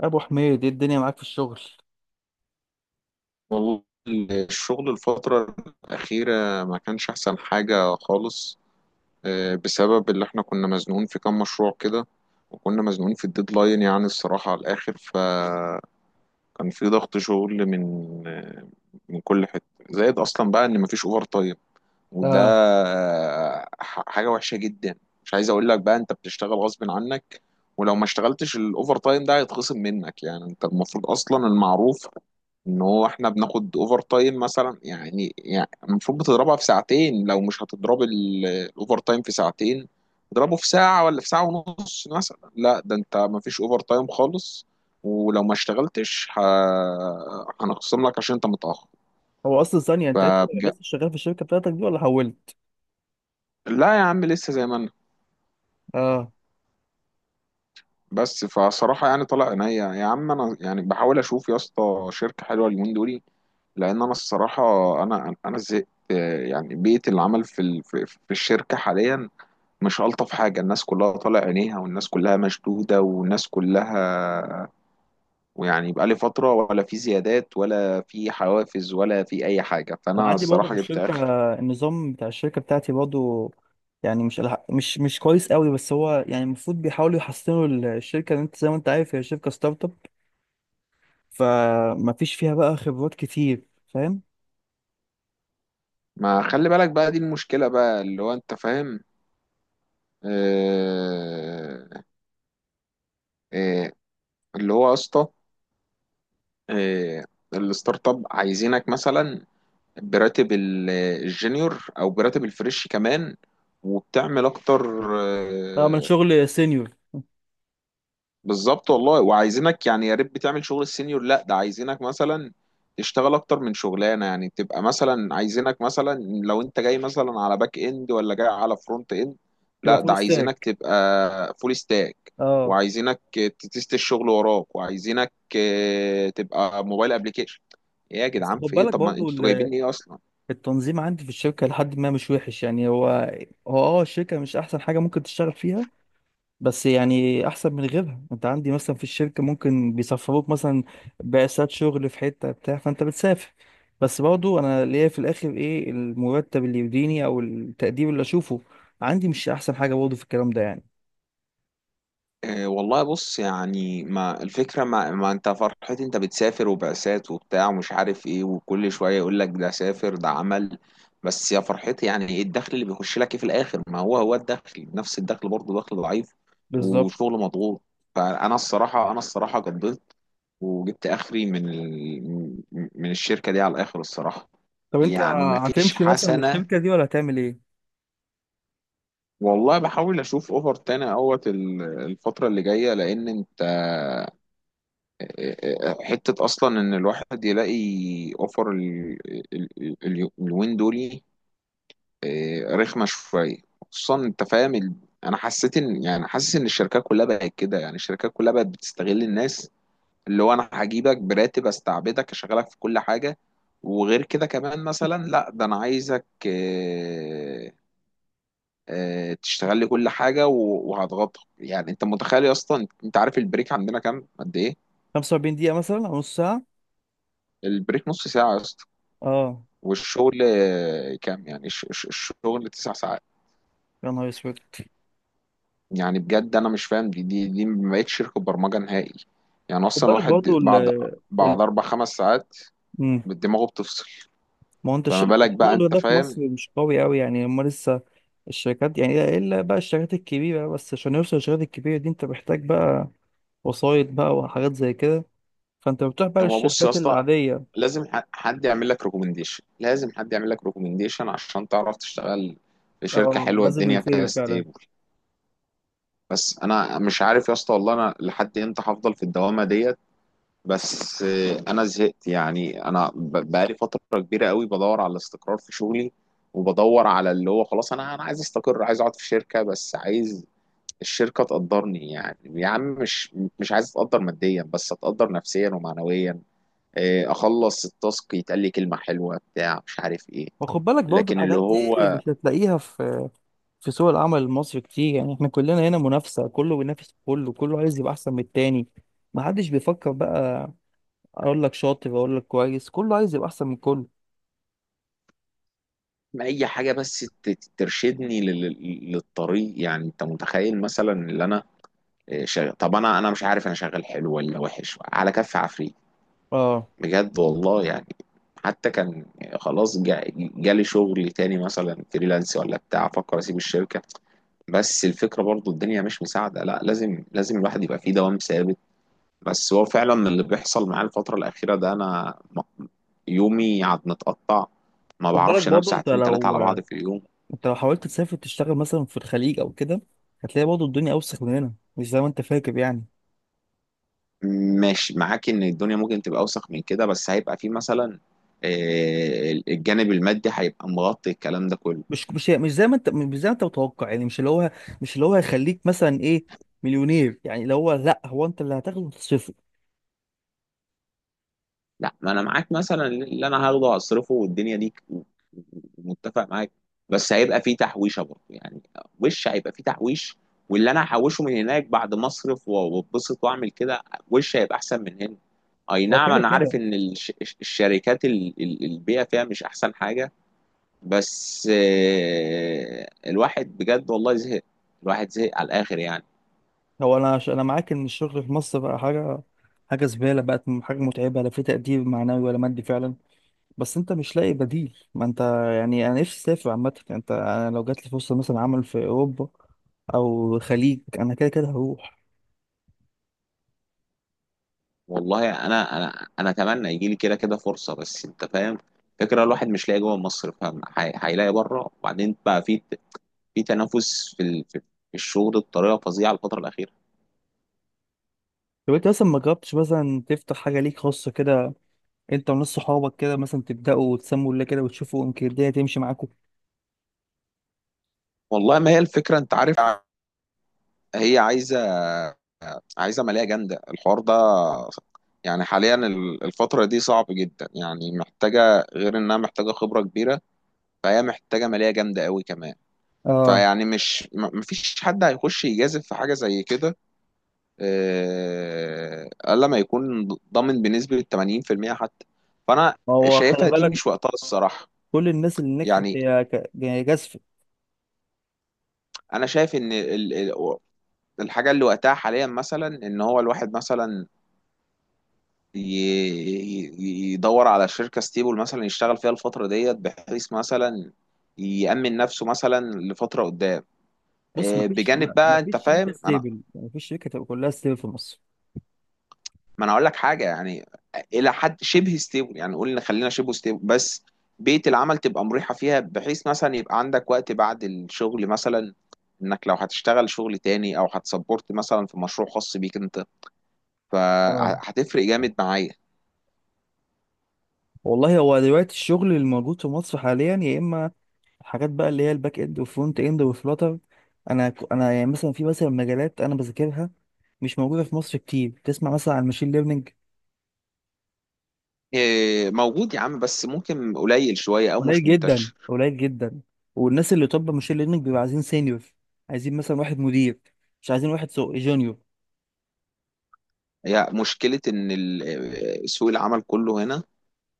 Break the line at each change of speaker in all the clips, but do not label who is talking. ابو حميد، ايه الدنيا معاك في الشغل؟
والله الشغل الفترة الأخيرة ما كانش أحسن حاجة خالص. بسبب اللي احنا كنا مزنوقين في كام مشروع كده، وكنا مزنوقين في الديدلاين، يعني الصراحة على الآخر. فكان في ضغط شغل من آه، من كل حتة، زائد أصلا بقى إن مفيش أوفر تايم. وده
اه.
حاجة وحشة جدا. مش عايز أقول لك بقى أنت بتشتغل غصب عنك، ولو ما اشتغلتش الأوفر تايم ده هيتخصم منك. يعني أنت المفروض أصلا، المعروف ان هو احنا بناخد اوفر تايم مثلا، يعني يعني المفروض بتضربها في ساعتين، لو مش هتضرب الاوفر تايم في ساعتين اضربه في ساعة ولا في ساعة ونص مثلا. لا ده انت مفيش اوفر تايم خالص، ولو ما اشتغلتش هنخصم لك عشان انت متأخر.
هو اصلا ثانيه، انت لسه
فبج...
لسه شغال في الشركه بتاعتك دي ولا حولت؟
لا يا عم، لسه زي ما انا.
اه.
بس فصراحة يعني طلع عينيا يا عم، انا يعني بحاول اشوف يا اسطى شركة حلوة اليومين دول، لان انا الصراحة انا زهقت. يعني بيئة العمل في في الشركة حاليا مش ألطف حاجة. الناس كلها طالع عينيها، والناس كلها مشدودة، والناس كلها، ويعني بقالي فترة ولا في زيادات ولا في حوافز ولا في أي حاجة،
انا
فأنا
عندي برضه في
الصراحة جبت
الشركه،
آخر.
النظام بتاع الشركه بتاعتي برضه يعني مش كويس قوي، بس هو يعني المفروض بيحاولوا يحسنوا الشركه، لأن انت زي ما انت عارف هي شركه ستارت اب، فما فيش فيها بقى خبرات كتير. فاهم؟
ما خلي بالك بقى، دي المشكلة بقى اللي هو أنت فاهم. آه. آه. اللي هو يا اسطى، آه، الستارت اب عايزينك مثلا براتب الجونيور أو براتب الفريش كمان، وبتعمل أكتر.
اه، من
آه،
شغل سينيور.
بالظبط والله. وعايزينك يعني يا ريت بتعمل شغل السينيور، لا ده عايزينك مثلا تشتغل اكتر من شغلانه. يعني تبقى مثلا، عايزينك مثلا لو انت جاي مثلا على باك اند ولا جاي على فرونت اند،
تبقى
لا ده
فول
عايزينك
ستاك.
تبقى فول ستاك،
اه.
وعايزينك تتست الشغل وراك، وعايزينك تبقى موبايل ابلكيشن. ايه يا
بس خد
جدعان في ايه؟
بالك
طب ما
برضه
انتوا جايبين ايه اصلا؟
التنظيم عندي في الشركه لحد ما مش وحش يعني، هو الشركه مش احسن حاجه ممكن تشتغل فيها، بس يعني احسن من غيرها. انت عندي مثلا في الشركه ممكن بيسفروك مثلا بعثات شغل في حته بتاع، فانت بتسافر. بس برضو انا ليا في الاخر ايه المرتب اللي يديني او التقدير اللي اشوفه عندي؟ مش احسن حاجه برضو في الكلام ده يعني.
إيه والله، بص يعني ما الفكرة، ما انت فرحتي انت بتسافر وبعثات وبتاع ومش عارف ايه، وكل شوية يقول لك ده سافر ده عمل. بس يا فرحتي يعني ايه الدخل اللي بيخش لك ايه في الاخر؟ ما هو هو الدخل نفس الدخل برضه، دخل ضعيف
بالظبط.
وشغل مضغوط. فانا الصراحة، انا الصراحة قضيت وجبت اخري من من الشركة دي على الاخر الصراحة،
طب انت
يعني ما فيش
هتمشي مثلا من
حسنة.
الشركه دي ولا هتعمل ايه؟
والله بحاول اشوف اوفر تاني اهوت الفترة اللي جاية، لان انت حتة أصلا إن الواحد يلاقي أوفر ال- اليومين دول رخمة شوية. خصوصا أنت فاهم أنا حسيت إن، يعني حاسس إن الشركات كلها بقت كده. يعني الشركات كلها بقت بتستغل الناس، اللي هو أنا هجيبك براتب أستعبدك أشغلك في كل حاجة، وغير كده كمان مثلا، لا ده أنا عايزك، تشتغل لي كل حاجة وهضغطك. يعني أنت متخيل أصلا، أنت عارف البريك عندنا كام قد إيه؟
45 دقيقه مثلا او نص ساعه.
البريك نص ساعة،
اه.
والشغل كام؟ يعني الشغل تسع ساعات.
يا نهار اسود.
يعني بجد انا مش فاهم، دي ما بقتش شركه برمجه نهائي. يعني
خد
اصلا
بالك
الواحد
برضو ال
بعد، بعد اربع خمس ساعات
ال
دماغه بتفصل.
ما هو انت
فما
الشغل
بالك بقى،
الشغل
انت
ده في
فاهم.
مصر مش قوي قوي يعني، هما لسه الشركات، يعني إيه الا بقى الشركات الكبيره بس. عشان يوصل للشركات الكبيره دي انت محتاج بقى وسايط بقى وحاجات زي كده، فانت بتروح بقى
هو بص يا
للشركات
اسطى،
العاديه.
لازم حد يعمل لك ريكومنديشن، لازم حد يعمل لك ريكومنديشن عشان تعرف تشتغل في شركه
اه،
حلوه
لازم
الدنيا
يفير
فيها
فعلا.
ستيبل. بس انا مش عارف يا اسطى والله، انا لحد امتى هفضل في الدوامه ديت. بس انا زهقت. يعني انا بقالي فتره كبيره قوي بدور على الاستقرار في شغلي، وبدور على اللي هو خلاص، انا عايز استقر، عايز اقعد في شركه، بس عايز الشركه تقدرني. يعني يا عم مش، مش عايز اتقدر ماديا بس، اتقدر نفسيا ومعنويا. اخلص التاسك يتقال لي كلمه حلوه بتاع مش عارف ايه.
وخد بالك برضه
لكن اللي
الحاجات دي
هو
مش هتلاقيها في سوق العمل المصري كتير. يعني احنا كلنا هنا منافسه، كله بينافس كله، كله عايز يبقى احسن من التاني. ما حدش بيفكر بقى اقول لك شاطر اقول لك كويس، كله عايز يبقى احسن من كله.
اي حاجه بس ترشدني للطريق. يعني انت متخيل مثلا اللي انا شغال؟ طب انا مش عارف انا شغال حلو ولا وحش على كف عفريت،
اه.
بجد والله يعني. حتى كان خلاص، جالي شغل تاني مثلا فريلانس ولا بتاع، افكر اسيب الشركه، بس الفكره برضو الدنيا مش مساعده. لا لازم، لازم الواحد يبقى فيه دوام ثابت. بس هو فعلا اللي بيحصل معايا الفتره الاخيره ده، انا يومي عاد متقطع، ما
خد بالك
بعرفش انام
برضه
ساعتين ثلاثه على بعض في اليوم.
انت لو حاولت تسافر تشتغل مثلا في الخليج او كده، هتلاقي برضه الدنيا اوسخ من هنا، مش زي ما انت فاكر يعني.
ماشي معاك ان الدنيا ممكن تبقى اوسخ من كده، بس هيبقى فيه مثلا الجانب المادي هيبقى مغطي الكلام ده كله.
مش زي ما انت متوقع يعني، مش اللي هو هيخليك مثلا ايه، مليونير، يعني اللي هو لا، هو انت اللي هتاخده وتصرفه.
لا ما انا معاك، مثلا اللي انا هاخده هصرفه والدنيا دي، متفق معاك، بس هيبقى فيه تحويشه برضه يعني. وش هيبقى فيه تحويش، واللي انا هحوشه من هناك بعد ما اصرف واتبسط واعمل كده وش هيبقى احسن من هنا. اي
هو
نعم
كده
انا
كده.
عارف ان الشركات، البيئه فيها مش احسن حاجه، بس الواحد بجد والله زهق، الواحد زهق على الاخر يعني.
انا معاك ان الشغل في مصر بقى حاجه، حاجه زباله بقت، حاجه متعبه، لا في تقدير معنوي ولا مادي فعلا، بس انت مش لاقي بديل ما انت. يعني انا نفسي اسافر عامه يعني، انت انا لو جات لي فرصه مثلا عمل في اوروبا او الخليج انا كده كده هروح.
والله انا اتمنى يجي لي كده كده فرصه، بس انت فاهم فكره الواحد مش لاقي جوه مصر فاهم، هيلاقي بره. وبعدين بقى في، في تنافس في في الشغل بطريقه فظيعه الفتره الاخيره.
طب انت مثلا ما جربتش مثلا تفتح حاجة ليك خاصة كده، انت وناس صحابك كده، مثلا تبدأوا تسموا الله كده وتشوفوا يمكن الدنيا تمشي معاكم.
والله ما هي الفكره انت عارف، هي عايزه، عايزه ماليه جامده الحوار ده. يعني حاليا الفتره دي صعب جدا، يعني محتاجه، غير انها محتاجه خبره كبيره، فهي محتاجه ماليه جامده قوي كمان.
اه.
فيعني مش مفيش حد هيخش يجازف في حاجه زي كده. قال لما يكون ضامن بنسبة 80% حتى. فأنا
ما هو خلي
شايفها دي مش
بالك،
وقتها الصراحة.
كل الناس اللي نجحت
يعني
هي هي جازفة.
أنا شايف إن الحاجة اللي وقتها حاليا مثلا إن هو الواحد مثلا يدور على شركة ستيبل مثلا يشتغل فيها الفترة ديت، بحيث مثلا يأمن نفسه مثلا لفترة قدام.
بص، ما فيش،
بجانب
ما ما
بقى أنت
فيش شركة
فاهم أنا،
ستيبل، ما فيش شركة تبقى كلها ستيبل في مصر.
ما انا اقول لك حاجه يعني، الى حد شبه ستيبل. يعني قلنا خلينا شبه ستيبل، بس بيئه العمل تبقى مريحه فيها، بحيث مثلا يبقى عندك وقت بعد الشغل مثلا، انك لو هتشتغل شغل تاني او هتسبورت مثلا في مشروع خاص بيك انت،
اه.
فهتفرق جامد معايا.
والله هو دلوقتي الشغل الموجود في مصر حاليا يا اما حاجات بقى اللي هي الباك اند والفرونت اند والفلاتر. انا انا يعني مثلا في مثلا مجالات انا بذاكرها مش موجودة في مصر كتير، تسمع مثلا عن الماشين ليرنينج.
إيه، موجود يا عم، بس ممكن قليل شويه او
قليل
مش
جدا
منتشر.
قليل جدا. والناس اللي، طب ماشين ليرنينج بيبقى عايزين سينيور، عايزين مثلا واحد مدير، مش عايزين واحد سو جونيور.
هي مشكله ان سوق العمل كله هنا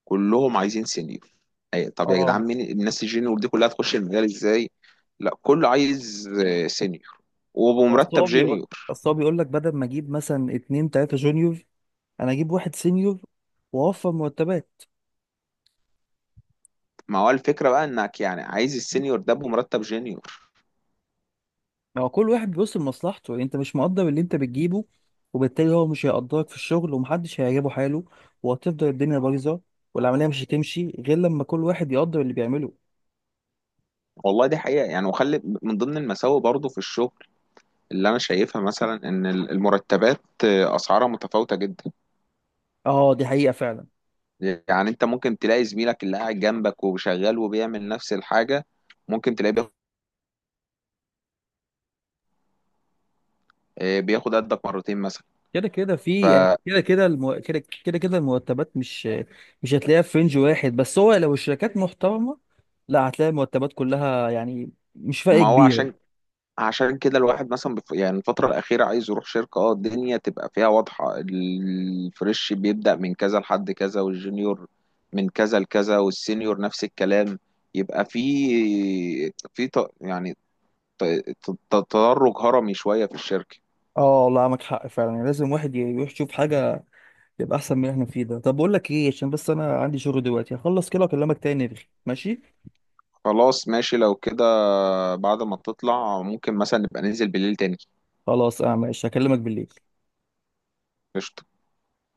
كلهم عايزين سينيور. طب يا
اه.
جدعان مين الناس الجينيور دي كلها تخش المجال ازاي؟ لا كله عايز سينيور،
اصل
وبمرتب
هو بيقول،
جينيور.
اصل هو بيقول لك بدل ما اجيب مثلا اتنين تلاته جونيور انا اجيب واحد سينيور واوفر مرتبات.
ما هو الفكرة بقى انك يعني عايز السينيور ده بمرتب جينيور.
ما هو كل واحد بيبص لمصلحته يعني، انت مش مقدر اللي انت بتجيبه، وبالتالي هو مش هيقدرك في الشغل، ومحدش هيعجبه حاله، وهتفضل الدنيا بايظه. والعمليه مش هتمشي غير لما كل واحد يقدر اللي بيعمله.
والله دي حقيقة يعني. وخلي من ضمن المساوئ برضو في الشغل اللي انا شايفها مثلا، ان المرتبات اسعارها متفاوتة جدا.
اه، دي حقيقه فعلا.
يعني انت ممكن تلاقي زميلك اللي قاعد جنبك وشغال وبيعمل نفس الحاجة، ممكن تلاقيه بياخد بياخد قدك مرتين مثلا.
كده كده في،
فما
كده. كده كده المرتبات مش هتلاقيها في رينج واحد، بس هو لو الشركات محترمة لا هتلاقي المرتبات كلها يعني مش فرق
هو،
كبيرة.
عشان، عشان كده الواحد مثلا يعني الفترة الأخيرة عايز يروح شركة، اه الدنيا تبقى فيها واضحة، الفريش بيبدأ من كذا لحد كذا، والجونيور من كذا لكذا، والسينيور نفس الكلام. يبقى في، في ط... يعني ت... ت- تدرج هرمي شوية في الشركة.
اه. والله معاك حق فعلا، يعني لازم واحد يروح يشوف حاجة يبقى أحسن من اللي احنا فيه ده. طب بقول لك ايه، عشان بس أنا عندي شغل دلوقتي، هخلص كده وأكلمك تاني. ماشي.
خلاص ماشي لو كده، بعد ما تطلع ممكن مثلا نبقى ننزل بالليل تاني.
خلاص. اه ماشي، هكلمك بالليل.
قشطة.